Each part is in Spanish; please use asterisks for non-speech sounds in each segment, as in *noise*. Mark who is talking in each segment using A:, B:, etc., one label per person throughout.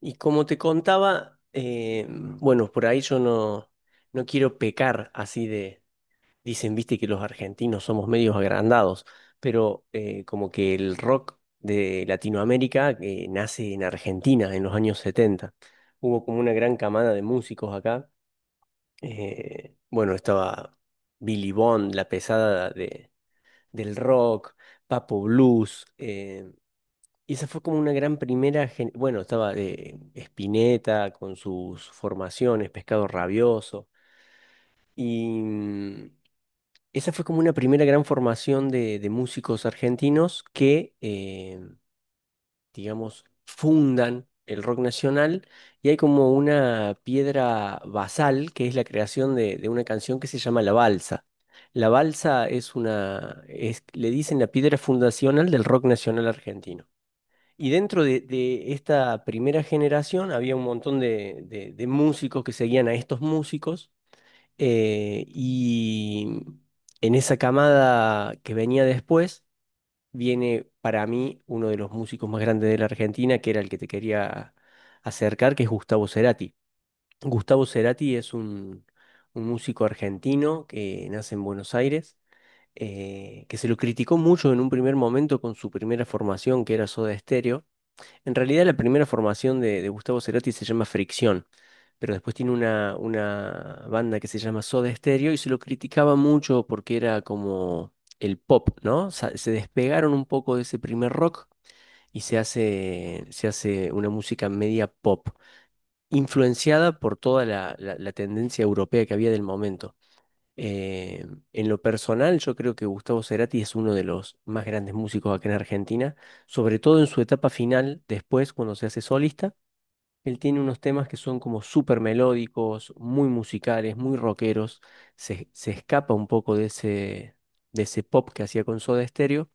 A: Y como te contaba, bueno, por ahí yo no quiero pecar así de, dicen, viste que los argentinos somos medios agrandados, pero como que el rock de Latinoamérica nace en Argentina en los años setenta. Hubo como una gran camada de músicos acá. Bueno, estaba Billy Bond, la pesada del rock, Papo Blues. Y esa fue como una gran primera, bueno, estaba Spinetta con sus formaciones, Pescado Rabioso, y esa fue como una primera gran formación de músicos argentinos que, digamos, fundan el rock nacional, y hay como una piedra basal que es la creación de una canción que se llama La Balsa. La Balsa es una, es, le dicen la piedra fundacional del rock nacional argentino. Y dentro de esta primera generación había un montón de músicos que seguían a estos músicos, y en esa camada que venía después viene para mí uno de los músicos más grandes de la Argentina, que era el que te quería acercar, que es Gustavo Cerati. Gustavo Cerati es un músico argentino que nace en Buenos Aires. Que se lo criticó mucho en un primer momento con su primera formación, que era Soda Stereo. En realidad la primera formación de Gustavo Cerati se llama Fricción, pero después tiene una banda que se llama Soda Stereo y se lo criticaba mucho porque era como el pop, ¿no? Se despegaron un poco de ese primer rock y se hace una música media pop, influenciada por toda la tendencia europea que había del momento. Eh, en lo personal, yo creo que Gustavo Cerati es uno de los más grandes músicos acá en Argentina, sobre todo en su etapa final, después cuando se hace solista. Él tiene unos temas que son como súper melódicos, muy musicales, muy rockeros. Se escapa un poco de ese pop que hacía con Soda Stereo.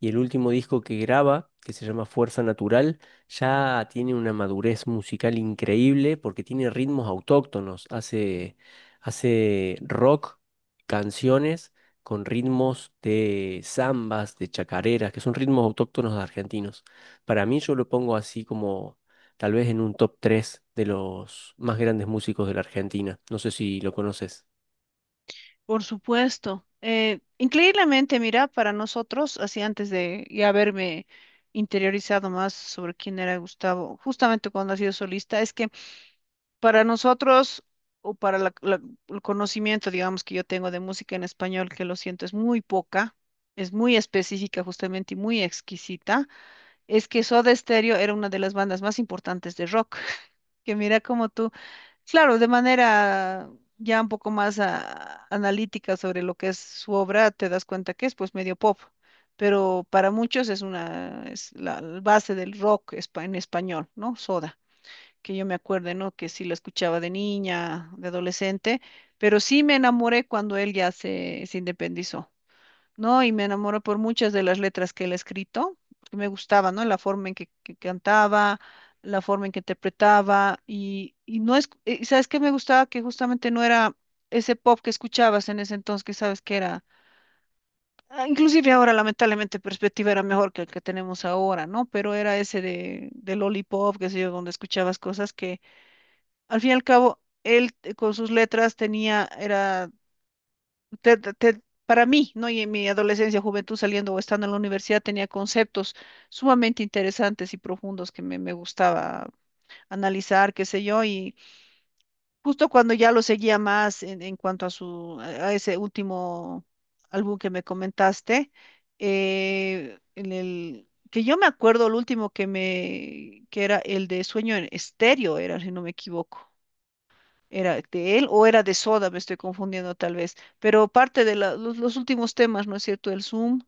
A: Y el último disco que graba, que se llama Fuerza Natural, ya tiene una madurez musical increíble porque tiene ritmos autóctonos. Hace, hace rock, canciones con ritmos de zambas, de chacareras, que son ritmos autóctonos argentinos. Para mí yo lo pongo así como tal vez en un top 3 de los más grandes músicos de la Argentina. No sé si lo conoces.
B: Por supuesto. Increíblemente, mira, para nosotros, así antes de ya haberme interiorizado más sobre quién era Gustavo, justamente cuando ha sido solista, es que para nosotros, o para el conocimiento, digamos, que yo tengo de música en español, que lo siento, es muy poca, es muy específica justamente y muy exquisita, es que Soda Stereo era una de las bandas más importantes de rock, *laughs* que mira como tú. Claro, de manera ya un poco más analítica sobre lo que es su obra, te das cuenta que es pues medio pop, pero para muchos es una es la base del en español, ¿no? Soda, que yo me acuerdo, ¿no? Que sí lo escuchaba de niña, de adolescente, pero sí me enamoré cuando él ya se independizó. ¿No? Y me enamoré por muchas de las letras que él ha escrito, porque me gustaba, ¿no? La forma en que cantaba, la forma en que interpretaba, y no es, y ¿sabes qué me gustaba? Que justamente no era ese pop que escuchabas en ese entonces, que sabes que era, inclusive ahora lamentablemente perspectiva era mejor que el que tenemos ahora, ¿no? Pero era ese de lollipop, qué sé yo, donde escuchabas cosas que al fin y al cabo... Él con sus letras tenía, era te- te- para mí, ¿no? Y en mi adolescencia, juventud, saliendo o estando en la universidad, tenía conceptos sumamente interesantes y profundos que me gustaba analizar, qué sé yo, y justo cuando ya lo seguía más en cuanto a su, a ese último álbum que me comentaste, en el que yo me acuerdo, el último que era el de Sueño en Estéreo, era, si no me equivoco. ¿Era de él o era de Soda? Me estoy confundiendo tal vez. Pero parte de los últimos temas, ¿no es cierto? El Zoom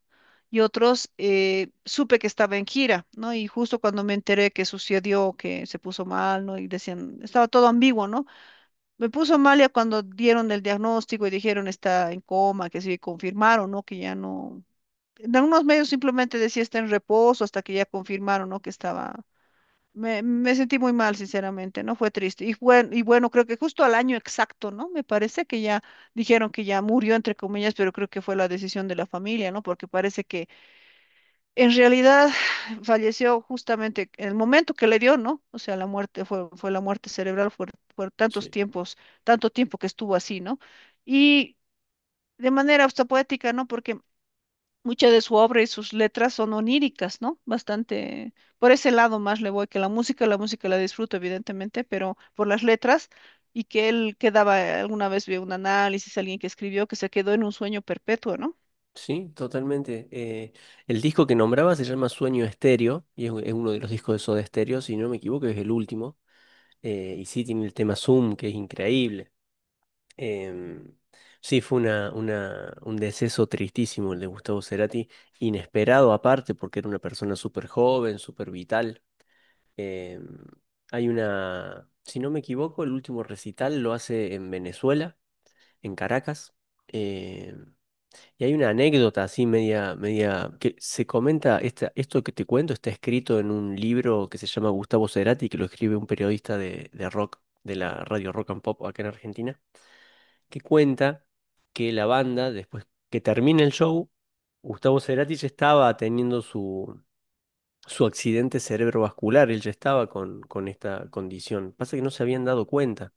B: y otros, supe que estaba en gira, ¿no? Y justo cuando me enteré que sucedió, que se puso mal, ¿no? Y decían, estaba todo ambiguo, ¿no? Me puso mal ya cuando dieron el diagnóstico y dijeron está en coma, que sí, confirmaron, ¿no? Que ya no... En algunos medios simplemente decía está en reposo hasta que ya confirmaron, ¿no? Que estaba me sentí muy mal, sinceramente, ¿no? Fue triste. Y bueno, creo que justo al año exacto, ¿no? Me parece que ya dijeron que ya murió, entre comillas, pero creo que fue la decisión de la familia, ¿no? Porque parece que en realidad *sighs* falleció justamente en el momento que le dio, ¿no? O sea, la muerte fue la muerte cerebral, fue, fue tantos
A: Sí.
B: tiempos, tanto tiempo que estuvo así, ¿no? Y de manera hasta poética, ¿no? Porque mucha de su obra y sus letras son oníricas, ¿no? Bastante, por ese lado más le voy que la música, la música la disfruto evidentemente, pero por las letras y que él quedaba, alguna vez vi un análisis, alguien que escribió que se quedó en un sueño perpetuo, ¿no?
A: Sí, totalmente. El disco que nombraba se llama Sueño Estéreo y es, es uno de los discos de Soda Stereo, si no me equivoco, es el último. Y sí tiene el tema Zoom, que es increíble. Em, sí, fue una, un deceso tristísimo el de Gustavo Cerati, inesperado aparte, porque era una persona súper joven, súper vital. Em, Hay una, si no me equivoco, el último recital lo hace en Venezuela, en Caracas. Em, y hay una anécdota así media, media, que se comenta, esta, esto que te cuento está escrito en un libro que se llama Gustavo Cerati, que lo escribe un periodista de rock, de la radio Rock and Pop acá en Argentina, que cuenta que la banda, después que termina el show, Gustavo Cerati ya estaba teniendo su accidente cerebrovascular, él ya estaba con esta condición. Pasa que no se habían dado cuenta.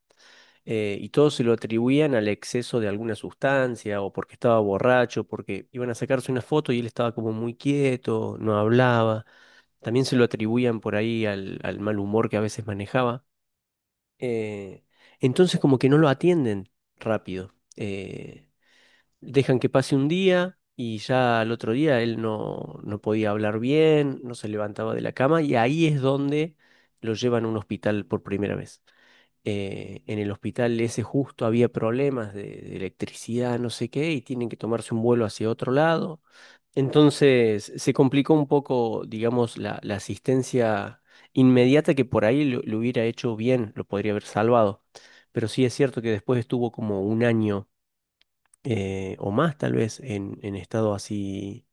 A: Y todos se lo atribuían al exceso de alguna sustancia o porque estaba borracho, porque iban a sacarse una foto y él estaba como muy quieto, no hablaba. También se lo atribuían por ahí al mal humor que a veces manejaba. eh, entonces como que no lo atienden rápido. Dejan que pase un día y ya al otro día él no podía hablar bien, no se levantaba de la cama y ahí es donde lo llevan a un hospital por primera vez. En el hospital ese justo había problemas de electricidad, no sé qué, y tienen que tomarse un vuelo hacia otro lado. Entonces se complicó un poco, digamos, la asistencia inmediata que por ahí lo hubiera hecho bien, lo podría haber salvado. Pero sí es cierto que después estuvo como un año o más tal vez en estado así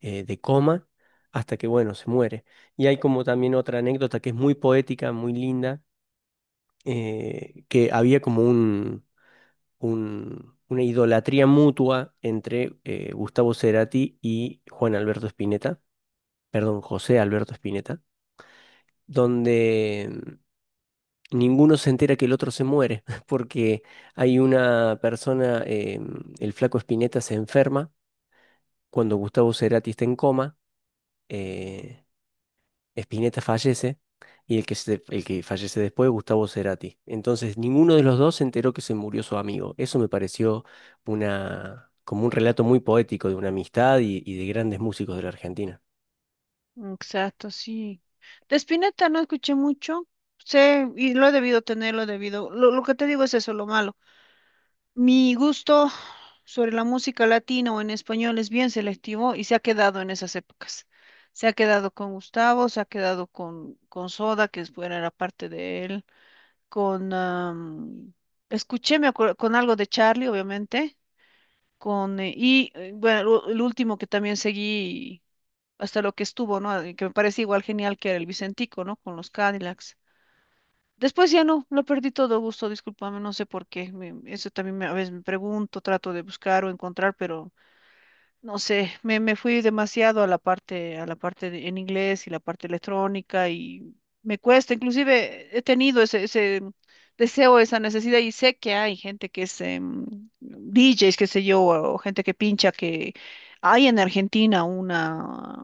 A: de coma, hasta que, bueno, se muere. Y hay como también otra anécdota que es muy poética, muy linda, que había como una idolatría mutua entre Gustavo Cerati y Juan Alberto Spinetta, perdón, José Alberto Spinetta, donde... ninguno se entera que el otro se muere, *laughs* porque hay una persona, el flaco Spinetta se enferma. Cuando Gustavo Cerati está en coma, eh, Spinetta fallece y el el que fallece después es Gustavo Cerati. Entonces, ninguno de los dos se enteró que se murió su amigo. Eso me pareció una, como un relato muy poético de una amistad y de grandes músicos de la Argentina.
B: Exacto, sí. De Spinetta no escuché mucho, sé, y lo he debido tener, lo he debido, lo que te digo es eso, lo malo. Mi gusto sobre la música latina o en español es bien selectivo y se ha quedado en esas épocas. Se ha quedado con Gustavo, se ha quedado con Soda, que es buena la parte de él, con... escuché, me acuerdo, con algo de Charlie, obviamente, con... bueno, el último que también seguí hasta lo que estuvo, ¿no? Y que me parece igual genial que era el Vicentico, ¿no? Con los Cadillacs. Después ya no, lo perdí todo gusto, discúlpame, no sé por qué. Eso también a veces me pregunto, trato de buscar o encontrar, pero no sé, me fui demasiado a la parte, a la en inglés y la parte electrónica y me cuesta. Inclusive he tenido ese deseo, esa necesidad y sé que hay gente que es DJs, qué sé yo, o gente que pincha, que hay en Argentina una,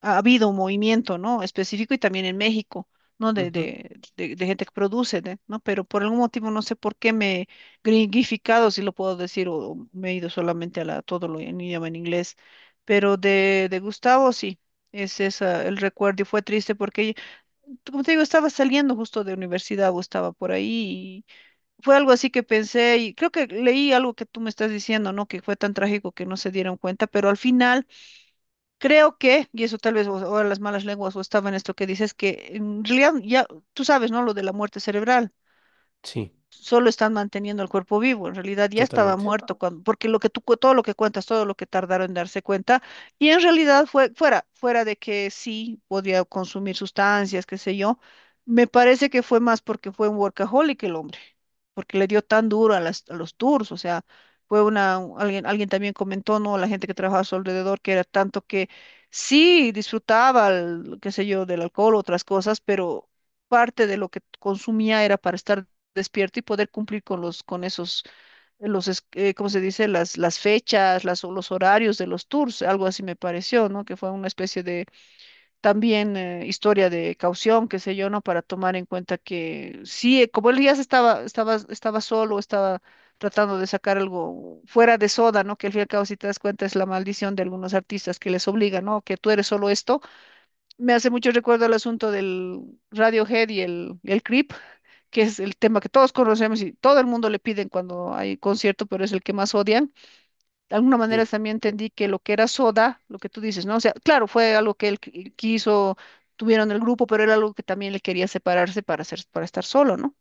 B: ha habido un movimiento, ¿no? Específico y también en México, ¿no? De,
A: Ujú.
B: de, de, de gente que produce, ¿no? Pero por algún motivo no sé por qué me he gringificado, si lo puedo decir, o me he ido solamente a la, todo lo en idioma en inglés. Pero de Gustavo, sí, es esa, el recuerdo y fue triste porque, como te digo, estaba saliendo justo de universidad o estaba por ahí y fue algo así que pensé y creo que leí algo que tú me estás diciendo, ¿no? Que fue tan trágico que no se dieron cuenta, pero al final... Creo que, y eso tal vez ahora las malas lenguas o estaba en esto que dices, que en realidad ya tú sabes, ¿no? Lo de la muerte cerebral
A: Sí,
B: solo están manteniendo el cuerpo vivo, en realidad ya estaba
A: totalmente.
B: muerto cuando, porque lo que tú, todo lo que cuentas, todo lo que tardaron en darse cuenta, y en realidad fue fuera, fuera de que sí podía consumir sustancias, qué sé yo, me parece que fue más porque fue un workaholic el hombre, porque le dio tan duro a las, a los tours, o sea, fue una, alguien, alguien también comentó, ¿no? La gente que trabajaba a su alrededor, que era tanto que sí disfrutaba, el, qué sé yo, del alcohol, otras cosas, pero parte de lo que consumía era para estar despierto y poder cumplir con los, con esos, los, ¿cómo se dice? Las fechas, las, o los horarios de los tours, algo así me pareció, ¿no? Que fue una especie de, también, historia de caución, qué sé yo, ¿no? Para tomar en cuenta que sí, como él ya se estaba, estaba solo, estaba tratando de sacar algo fuera de soda, ¿no? Que al fin y al cabo, si te das cuenta, es la maldición de algunos artistas que les obliga, ¿no? Que tú eres solo esto. Me hace mucho recuerdo el asunto del Radiohead y el Creep, que es el tema que todos conocemos y todo el mundo le piden cuando hay concierto, pero es el que más odian. De alguna manera
A: Sí.
B: también entendí que lo que era Soda, lo que tú dices, ¿no? O sea, claro, fue algo que él quiso, tuvieron el grupo, pero era algo que también le quería separarse para hacer, para estar solo, ¿no?